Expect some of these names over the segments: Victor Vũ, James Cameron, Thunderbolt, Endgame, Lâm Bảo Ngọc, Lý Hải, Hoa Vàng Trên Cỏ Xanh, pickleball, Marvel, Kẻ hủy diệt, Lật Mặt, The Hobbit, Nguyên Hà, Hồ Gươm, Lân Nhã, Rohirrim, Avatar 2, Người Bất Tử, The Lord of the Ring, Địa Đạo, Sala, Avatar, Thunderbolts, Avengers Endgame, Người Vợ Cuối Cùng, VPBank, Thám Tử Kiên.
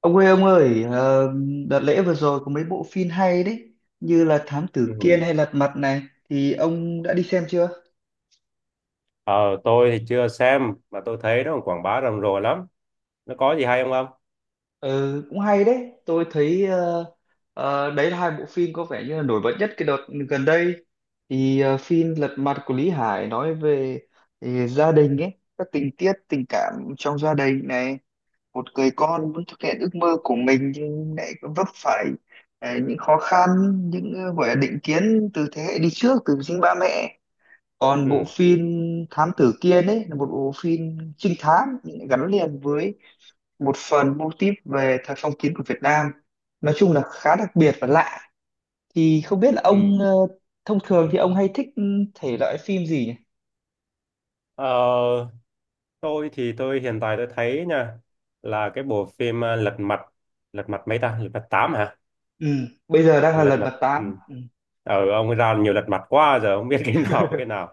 Ông ơi, đợt lễ vừa rồi có mấy bộ phim hay đấy, như là Thám Ừ. Tử Kiên hay Lật Mặt này, thì ông đã đi xem chưa? Ờ, tôi thì chưa xem mà tôi thấy nó còn quảng bá rầm rộ lắm. Nó có gì hay không không? Ừ, cũng hay đấy, tôi thấy đấy là hai bộ phim có vẻ như là nổi bật nhất cái đợt gần đây. Thì phim Lật Mặt của Lý Hải nói về gia đình ấy, các tình tiết tình cảm trong gia đình này, một người con muốn thực hiện ước mơ của mình nhưng lại vấp phải những khó khăn, những gọi là định kiến từ thế hệ đi trước, từ chính ba mẹ. Còn bộ Ừ. phim Thám Tử Kiên ấy là một bộ phim trinh thám nhưng lại gắn liền với một phần mô típ về thời phong kiến của Việt Nam, nói chung là khá đặc biệt và lạ. Thì không biết là Ừ. ông thông thường thì ông hay thích, ừ, thể loại phim gì nhỉ? Ờ, tôi hiện tại tôi thấy nha là cái bộ phim Lật Mặt Lật Mặt mấy ta? Lật Mặt 8 hả? Ừ, bây giờ đang là Lật lần mặt mặt ừ. tám. Ừ. Ông ấy ra nhiều lật mặt quá giờ không biết cái nào với cái nào.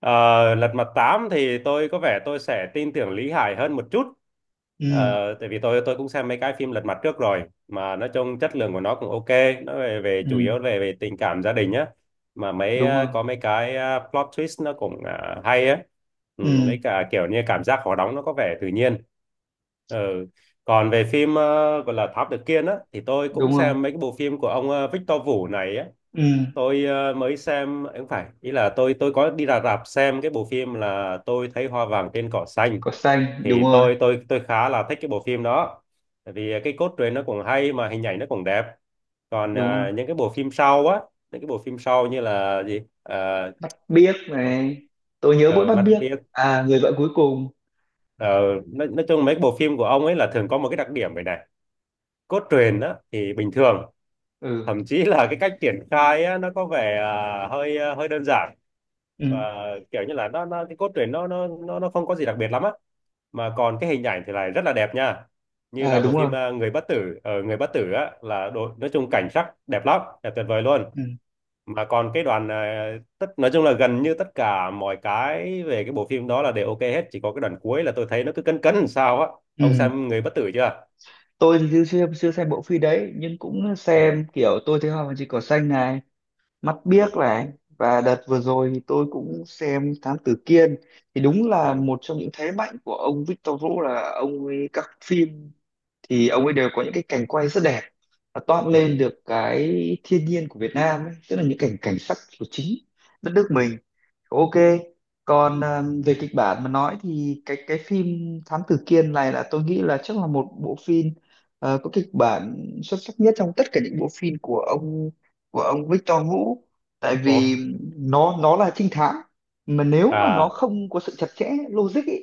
Ờ, lật mặt 8 thì tôi có vẻ tôi sẽ tin tưởng Lý Hải hơn một chút. Ừ. Tại vì tôi cũng xem mấy cái phim lật mặt trước rồi mà nói chung chất lượng của nó cũng ok. Nó về về chủ Ừ yếu về về tình cảm gia đình á, mà đúng rồi. có mấy cái plot twist nó cũng hay á. Ừ, Ừ mấy cả kiểu như cảm giác khó đóng nó có vẻ tự nhiên. Ờ, còn về phim gọi là Thám Tử Kiên á thì tôi cũng đúng rồi. xem mấy cái bộ phim của ông Victor Vũ này á. Ừ. Mới xem ấy không phải, ý là tôi có đi ra rạp xem cái bộ phim là tôi thấy hoa vàng trên cỏ xanh, Có xanh đúng thì rồi. tôi khá là thích cái bộ phim đó. Tại vì cái cốt truyện nó cũng hay mà hình ảnh nó cũng đẹp. Còn Đúng rồi. Những cái bộ phim sau á, những cái bộ phim sau như là gì? Ờ, Bắt biếc ờ, này. Tôi nhớ mỗi bắt Mắt biếc. biết. À, người vợ cuối cùng. Ờ, nói chung mấy cái bộ phim của ông ấy là thường có một cái đặc điểm vậy này: cốt truyện đó thì bình thường, Ừ. thậm chí là cái cách triển khai á, nó có vẻ hơi hơi đơn giản, Ừ. và kiểu như là nó cái cốt truyện nó không có gì đặc biệt lắm á, mà còn cái hình ảnh thì lại rất là đẹp nha. Như À, là đúng bộ rồi. phim Người Bất Tử, ở Người Bất Tử á là đồ, nói chung cảnh sắc đẹp lắm, đẹp tuyệt vời luôn. Ừ. Mà còn cái đoàn tất nói chung là gần như tất cả mọi cái về cái bộ phim đó là đều ok hết, chỉ có cái đoạn cuối là tôi thấy nó cứ cấn cấn làm sao á. Ừ, Ông xem Người Bất Tử chưa? tôi thì chưa chưa chưa xem bộ phim đấy, nhưng cũng Ừ. xem kiểu tôi thấy hoa và chỉ có xanh này, mắt Ừ. biếc này. Và đợt vừa rồi thì tôi cũng xem Thám Tử Kiên. Thì đúng là Ừ. một trong những thế mạnh của ông Victor Vũ là ông ấy các phim thì ông ấy đều có những cái cảnh quay rất đẹp và toát Ừ. lên được cái thiên nhiên của Việt Nam ấy, tức là những cảnh cảnh sắc của chính đất nước mình. Ok, còn à, về kịch bản mà nói thì cái phim Thám Tử Kiên này là tôi nghĩ là chắc là một bộ phim có kịch bản xuất sắc nhất trong tất cả những bộ phim của ông, của ông Victor Vũ. Tại Ồ. vì nó là trinh thám mà nếu mà nó À. không có sự chặt chẽ logic ý,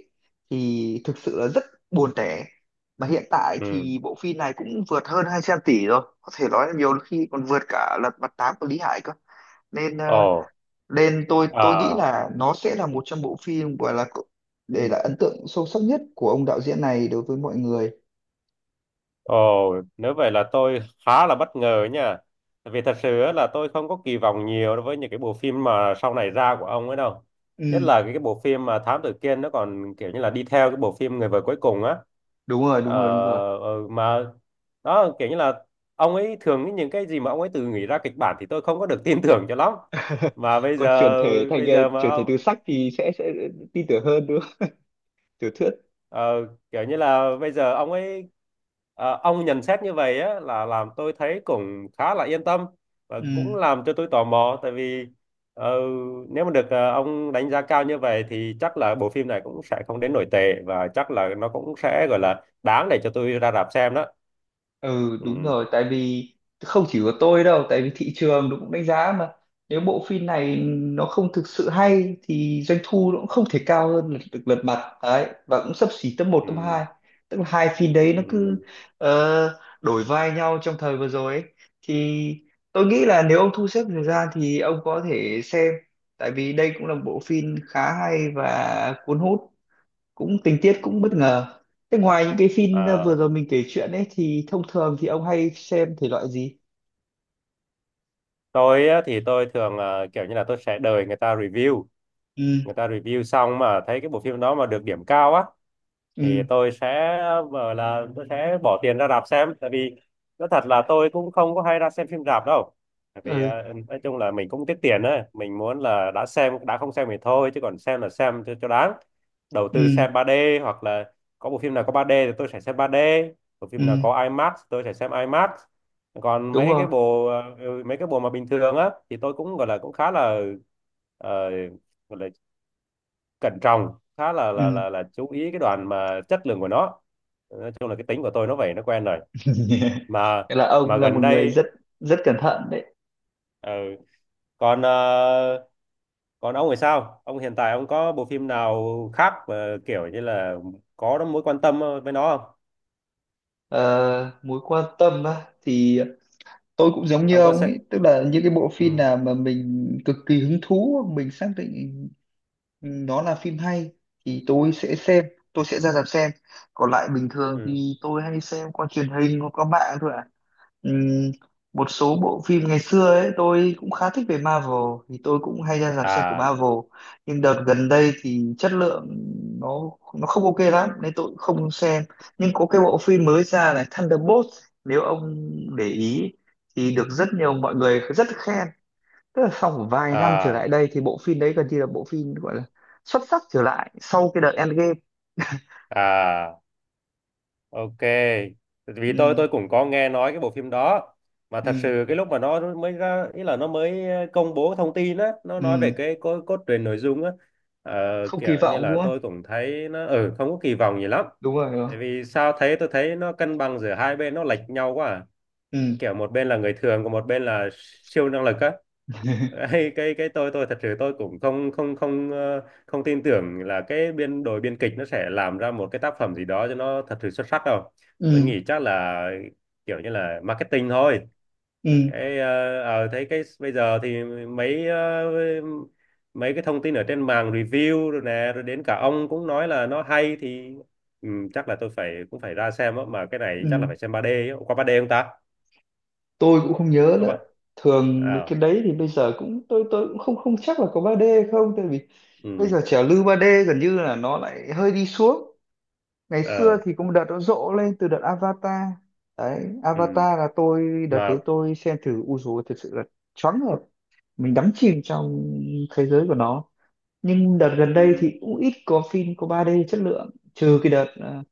thì thực sự là rất buồn tẻ. Mà hiện tại Ừ. thì bộ phim này cũng vượt hơn 200 tỷ rồi, có thể nói là nhiều khi còn vượt cả Lật Mặt 8 của Lý Hải cơ. Nên Ồ. nên tôi nghĩ À. là nó sẽ là một trong bộ phim gọi là để lại ấn tượng sâu sắc nhất của ông đạo diễn này đối với mọi người. Ồ, nếu vậy là tôi khá là bất ngờ nha. Tại vì thật sự á là tôi không có kỳ vọng nhiều đối với những cái bộ phim mà sau này ra của ông ấy đâu. Nhất Ừ là cái bộ phim mà Thám Tử Kiên nó còn kiểu như là đi theo cái bộ phim Người vợ cuối cùng á. đúng rồi, Ờ, đúng rồi, đúng rồi. Mà đó kiểu như là ông ấy thường những cái gì mà ông ấy tự nghĩ ra kịch bản thì tôi không có được tin tưởng cho lắm. Mà Còn chuyển thể thành bây giờ mà chuyển thể ông từ sách thì sẽ tin tưởng hơn nữa, tiểu thuyết. Ờ, kiểu như là bây giờ ông ấy ông nhận xét như vậy á là làm tôi thấy cũng khá là yên tâm và Ừ. cũng làm cho tôi tò mò. Tại vì ờ, nếu mà được ông đánh giá cao như vậy thì chắc là bộ phim này cũng sẽ không đến nổi tệ và chắc là nó cũng sẽ gọi là đáng để cho tôi ra rạp xem đó. Ừ đúng Ừ, rồi. Tại vì không chỉ có tôi đâu, tại vì thị trường nó cũng đánh giá mà. Nếu bộ phim này nó không thực sự hay thì doanh thu nó cũng không thể cao hơn lật, được lật mặt đấy, và cũng xấp xỉ top một ừ, top hai, tức là hai phim đấy nó cứ ừ. Đổi vai nhau trong thời vừa rồi ấy. Thì tôi nghĩ là nếu ông thu xếp thời gian thì ông có thể xem, tại vì đây cũng là một bộ phim khá hay và cuốn hút, cũng tình tiết cũng bất Ừ. ngờ. Thế ngoài những cái phim vừa Ờ, rồi mình kể chuyện ấy thì thông thường thì ông hay xem thể loại gì? tôi á, thì tôi thường kiểu như là tôi sẽ đợi người ta review, Ừ. người ta review xong mà thấy cái bộ phim đó mà được điểm cao á thì Ừ. tôi sẽ bảo là tôi sẽ bỏ tiền ra rạp xem. Tại vì nói thật là tôi cũng không có hay ra xem phim rạp đâu, tại vì Ừ. Nói chung là mình cũng tiết tiền ấy, mình muốn là đã xem đã không xem thì thôi chứ còn xem là xem cho đáng, đầu tư Ừ. xem 3D hoặc là có bộ phim nào có 3D thì tôi sẽ xem 3D, bộ phim nào Ừ có IMAX tôi sẽ xem IMAX. Còn đúng mấy rồi. cái bộ mấy cái bộ mà bình thường á thì tôi cũng gọi là cũng khá là ờ, gọi là cẩn trọng, khá là Ừ. Chú ý cái đoạn mà chất lượng của nó. Nói chung là cái tính của tôi nó vậy, nó quen rồi. Mà Nghĩa là ông mà là Gần một người đây rất rất cẩn thận đấy. ờ, còn còn ông thì sao, ông hiện tại ông có bộ phim nào khác mà kiểu như là có mối quan tâm với nó không? Ờ, mối quan tâm á, thì tôi cũng giống như Ông có ông sẽ ấy, tức là những cái bộ phim ừ, nào mà mình cực kỳ hứng thú mình xác định nó là phim hay thì tôi sẽ xem, tôi sẽ ra rạp xem. Còn lại bình thường ừ. thì tôi hay xem qua truyền hình hoặc qua mạng thôi ạ. Ừm, một số bộ phim ngày xưa ấy tôi cũng khá thích về Marvel, thì tôi cũng hay ra rạp xem của À. Marvel. Nhưng đợt gần đây thì chất lượng nó không ok lắm nên tôi cũng không xem. Nhưng có cái bộ phim mới ra này, Thunderbolts, nếu ông để ý thì được rất nhiều mọi người rất khen, tức là sau một vài năm trở lại À. đây thì bộ phim đấy gần như là bộ phim gọi là xuất sắc trở lại sau cái đợt Endgame. À. Ok, vì tôi Ừ. tôi cũng có nghe nói cái bộ phim đó, mà thật Ừ. sự cái lúc mà nó mới ra ý là nó mới công bố thông tin á, nó nói về Ừ. Cốt truyện nội dung á, ờ, Không kỳ kiểu như vọng là đúng không? tôi cũng thấy nó ừ không có kỳ vọng gì lắm. Đúng rồi, đúng rồi. Tại vì sao thấy tôi thấy nó cân bằng giữa hai bên nó lệch nhau quá à, Ừ. kiểu một bên là người thường còn một bên là siêu năng lực á. Hay cái tôi thật sự tôi cũng không không không ờ, không tin tưởng là cái biên đội biên kịch nó sẽ làm ra một cái tác phẩm gì đó cho nó thật sự xuất sắc đâu. Tôi Ừ. nghĩ chắc là kiểu như là marketing thôi. Ừ. Cái thấy cái bây giờ thì mấy cái thông tin ở trên mạng review rồi nè, rồi đến cả ông cũng nói là nó hay thì ừ, chắc là tôi phải cũng phải ra xem á, mà cái này chắc Ừ, là phải xem 3D á. Qua 3D không ta? tôi cũng không nhớ Có ba nữa. Thường mấy ờ cái đấy thì bây giờ cũng tôi cũng không, không chắc là có ba d không, tại vì ừ bây giờ trào lưu ba d gần như là nó lại hơi đi xuống. Ngày xưa ờ thì có một đợt nó rộ lên từ đợt Avatar, đấy ừ Avatar là tôi đợt mà đấy tôi xem thử u dù thật sự là choáng ngợp, mình đắm chìm trong thế giới của nó. Nhưng đợt gần đây ừ thì cũng ít có phim có 3D chất lượng, trừ cái đợt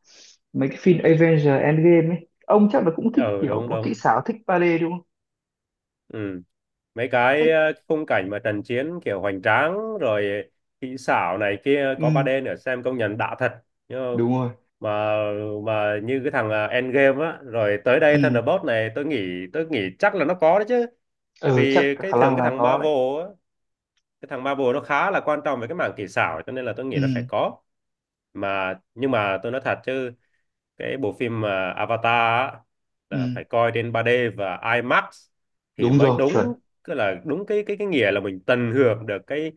mấy cái phim Avengers Endgame ấy, ông chắc là cũng thích ờ kiểu đúng có kỹ đúng. xảo, thích 3D đúng không? Ừ, mấy cái Thích. Khung cảnh mà trận chiến kiểu hoành tráng rồi kỹ xảo này kia có ba d Ừ nữa xem công nhận đã thật, nhưng mà đúng rồi. mà như cái thằng Endgame á rồi tới Ừ. đây Thunderbolt này tôi nghĩ, tôi nghĩ chắc là nó có đấy chứ. Tại Ừ chắc vì cái khả thường năng là có đấy. Á cái thằng Marvel nó khá là quan trọng về cái mảng kỹ xảo cho nên là tôi nghĩ Ừ. nó sẽ có. Mà nhưng mà tôi nói thật chứ cái bộ phim mà Avatar á, Ừ là phải coi trên 3D và IMAX thì đúng mới rồi, chuẩn. đúng. Cứ là đúng cái nghĩa là mình tận hưởng được cái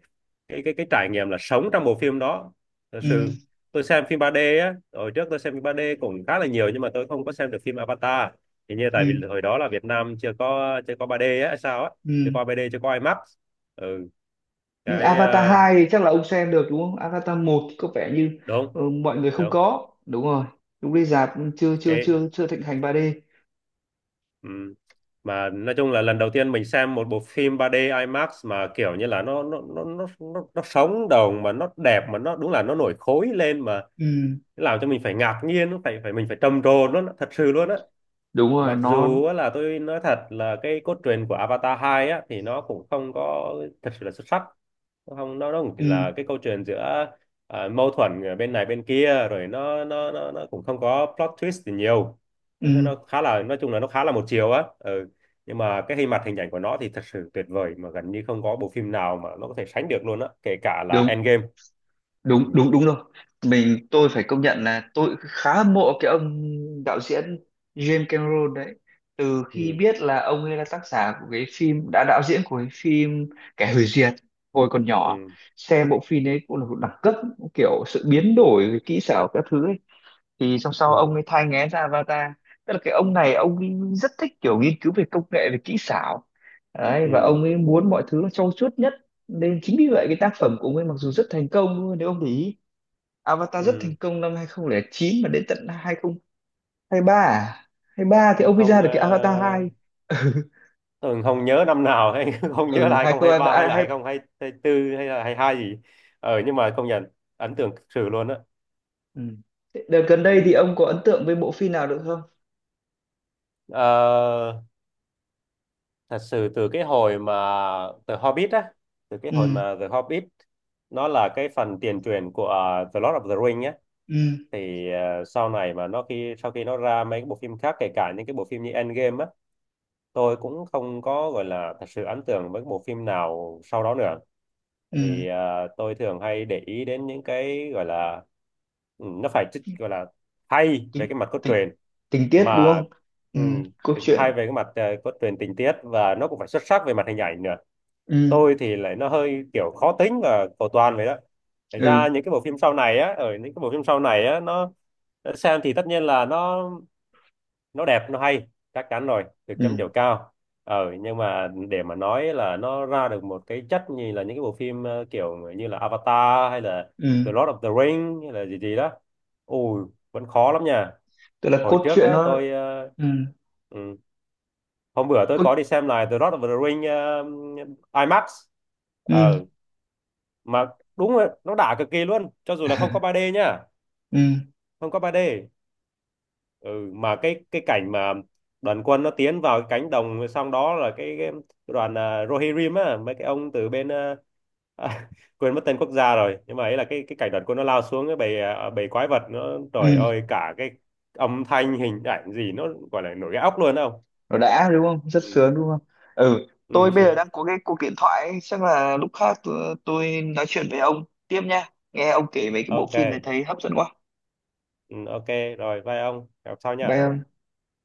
cái cái cái trải nghiệm là sống trong bộ phim đó, thật sự. Ừ. Tôi xem phim 3D á, hồi trước tôi xem phim 3D cũng khá là nhiều nhưng mà tôi không có xem được phim Avatar. Thì như Ừ. tại vì hồi đó là Việt Nam chưa có 3D á hay sao á, Ừ. chưa có 3D chưa có IMAX. Ừ, Nhưng cái Avatar 2 thì chắc là ông xem được đúng không? Avatar 1 thì có vẻ như đúng mọi người không đúng có, đúng rồi, lúc đi rạp chưa chưa cái. chưa chưa thịnh hành 3D. Ừ. Mà nói chung là lần đầu tiên mình xem một bộ phim 3D IMAX mà kiểu như là nó sống động mà nó đẹp mà nó đúng là nó nổi khối lên, mà Ừ làm cho mình phải ngạc nhiên, nó phải phải mình phải trầm trồ nó thật sự luôn á. đúng rồi Mặc nó. dù á là tôi nói thật là cái cốt truyện của Avatar 2 á thì nó cũng không có thật sự là xuất sắc. Không, nó nó cũng Ừ. là cái câu chuyện giữa mâu thuẫn ở bên này bên kia, rồi nó cũng không có plot twist thì nhiều. Ừ Thế nó khá là nói chung là nó khá là một chiều á, ừ. Nhưng mà cái hình mặt hình ảnh của nó thì thật sự tuyệt vời, mà gần như không có bộ phim nào mà nó có thể sánh được luôn á, kể cả là đúng, Endgame. Ừ. đúng, đúng, đúng rồi. Mình tôi phải công nhận là tôi khá hâm mộ cái ông đạo diễn James Cameron đấy, từ khi Ừ. biết là ông ấy là tác giả của cái phim, đã đạo diễn của cái phim Kẻ hủy diệt. Hồi còn nhỏ Ừ. xem bộ phim ấy cũng là một đẳng cấp, kiểu sự biến đổi kỹ xảo các thứ ấy. Thì xong sau ông Ừ. ấy thai nghén ra Avatar, tức là cái ông này ông ấy rất thích kiểu nghiên cứu về công nghệ, về kỹ xảo đấy, và Ừ. ông ấy muốn mọi thứ nó trau chuốt nhất. Nên chính vì vậy cái tác phẩm của ông ấy mặc dù rất thành công luôn, nếu ông để ý, Avatar rất Ừ. thành công năm hai không không chín, mà đến tận 2023 à? Hai ba thì Hay ông mới không ra được cái Avatar 2. tôi không nhớ năm nào hay không nhớ là Ừ hai không hai 2022, ba hay là hai. 2024 hay là hai hai gì. Ờ nhưng mà công nhận ấn tượng thực sự luôn á. Ừ. Thế đợt gần đây thì Ừ. ông có ấn tượng với bộ phim nào được không? Ờ, Thật sự từ cái hồi mà The Hobbit á, từ cái hồi Ừ. mà The Hobbit nó là cái phần tiền truyện của The Lord of the Ring á, Ừ. thì sau này mà nó khi sau khi nó ra mấy cái bộ phim khác kể cả những cái bộ phim như Endgame á, tôi cũng không có gọi là thật sự ấn tượng với cái bộ phim nào sau đó nữa. Ừ Tại vì tôi thường hay để ý đến những cái gọi là ừ, nó gọi là hay về tình, cái mặt cốt tình, truyện, tình tiết đúng mà không? Ừ ừ, câu chuyện. hay về cái mặt cốt truyện tình tiết, và nó cũng phải xuất sắc về mặt hình ảnh nữa. Ừ. Tôi thì lại nó hơi kiểu khó tính và cầu toàn vậy đó. Thành Ừ. ra những cái bộ phim sau này á, ở những cái bộ phim sau này á nó xem thì tất nhiên là nó đẹp nó hay, chắc chắn rồi, được chấm Ừ. điểm cao. Ờ nhưng mà để mà nói là nó ra được một cái chất như là những cái bộ phim kiểu như là Avatar hay là The Ừ Lord of the Ring hay là gì gì đó, ui, vẫn khó lắm nha. tức là Hồi cốt trước truyện á nó. tôi Ừ ừ, hôm bữa tôi cốt. có đi xem lại The Lord of the Ring ờ, IMAX Ừ. ờ mà đúng rồi nó đã cực kỳ luôn cho dù là không có 3D nha, Ừ. không có 3D. Ừ, mà cái cảnh mà đoàn quân nó tiến vào cái cánh đồng, xong đó là cái đoàn Rohirrim á, mấy cái ông từ bên à, quên mất tên quốc gia rồi, nhưng mà ấy là cái cảnh đoàn quân nó lao xuống cái bầy bầy quái vật nó, trời Ừ ơi cả cái âm thanh hình ảnh gì nó gọi là nổi gai óc luôn không? nó đã đúng không, rất sướng Ừ, đúng không? Ừ ừ tôi bây giờ sướng. đang có cái cuộc điện thoại ấy. Chắc là lúc khác tôi nói chuyện với ông tiếp nha, nghe ông kể về cái bộ Ok. phim này thấy hấp dẫn quá. Ừ, ok. Rồi bye ông, gặp sau nha. Bye ông.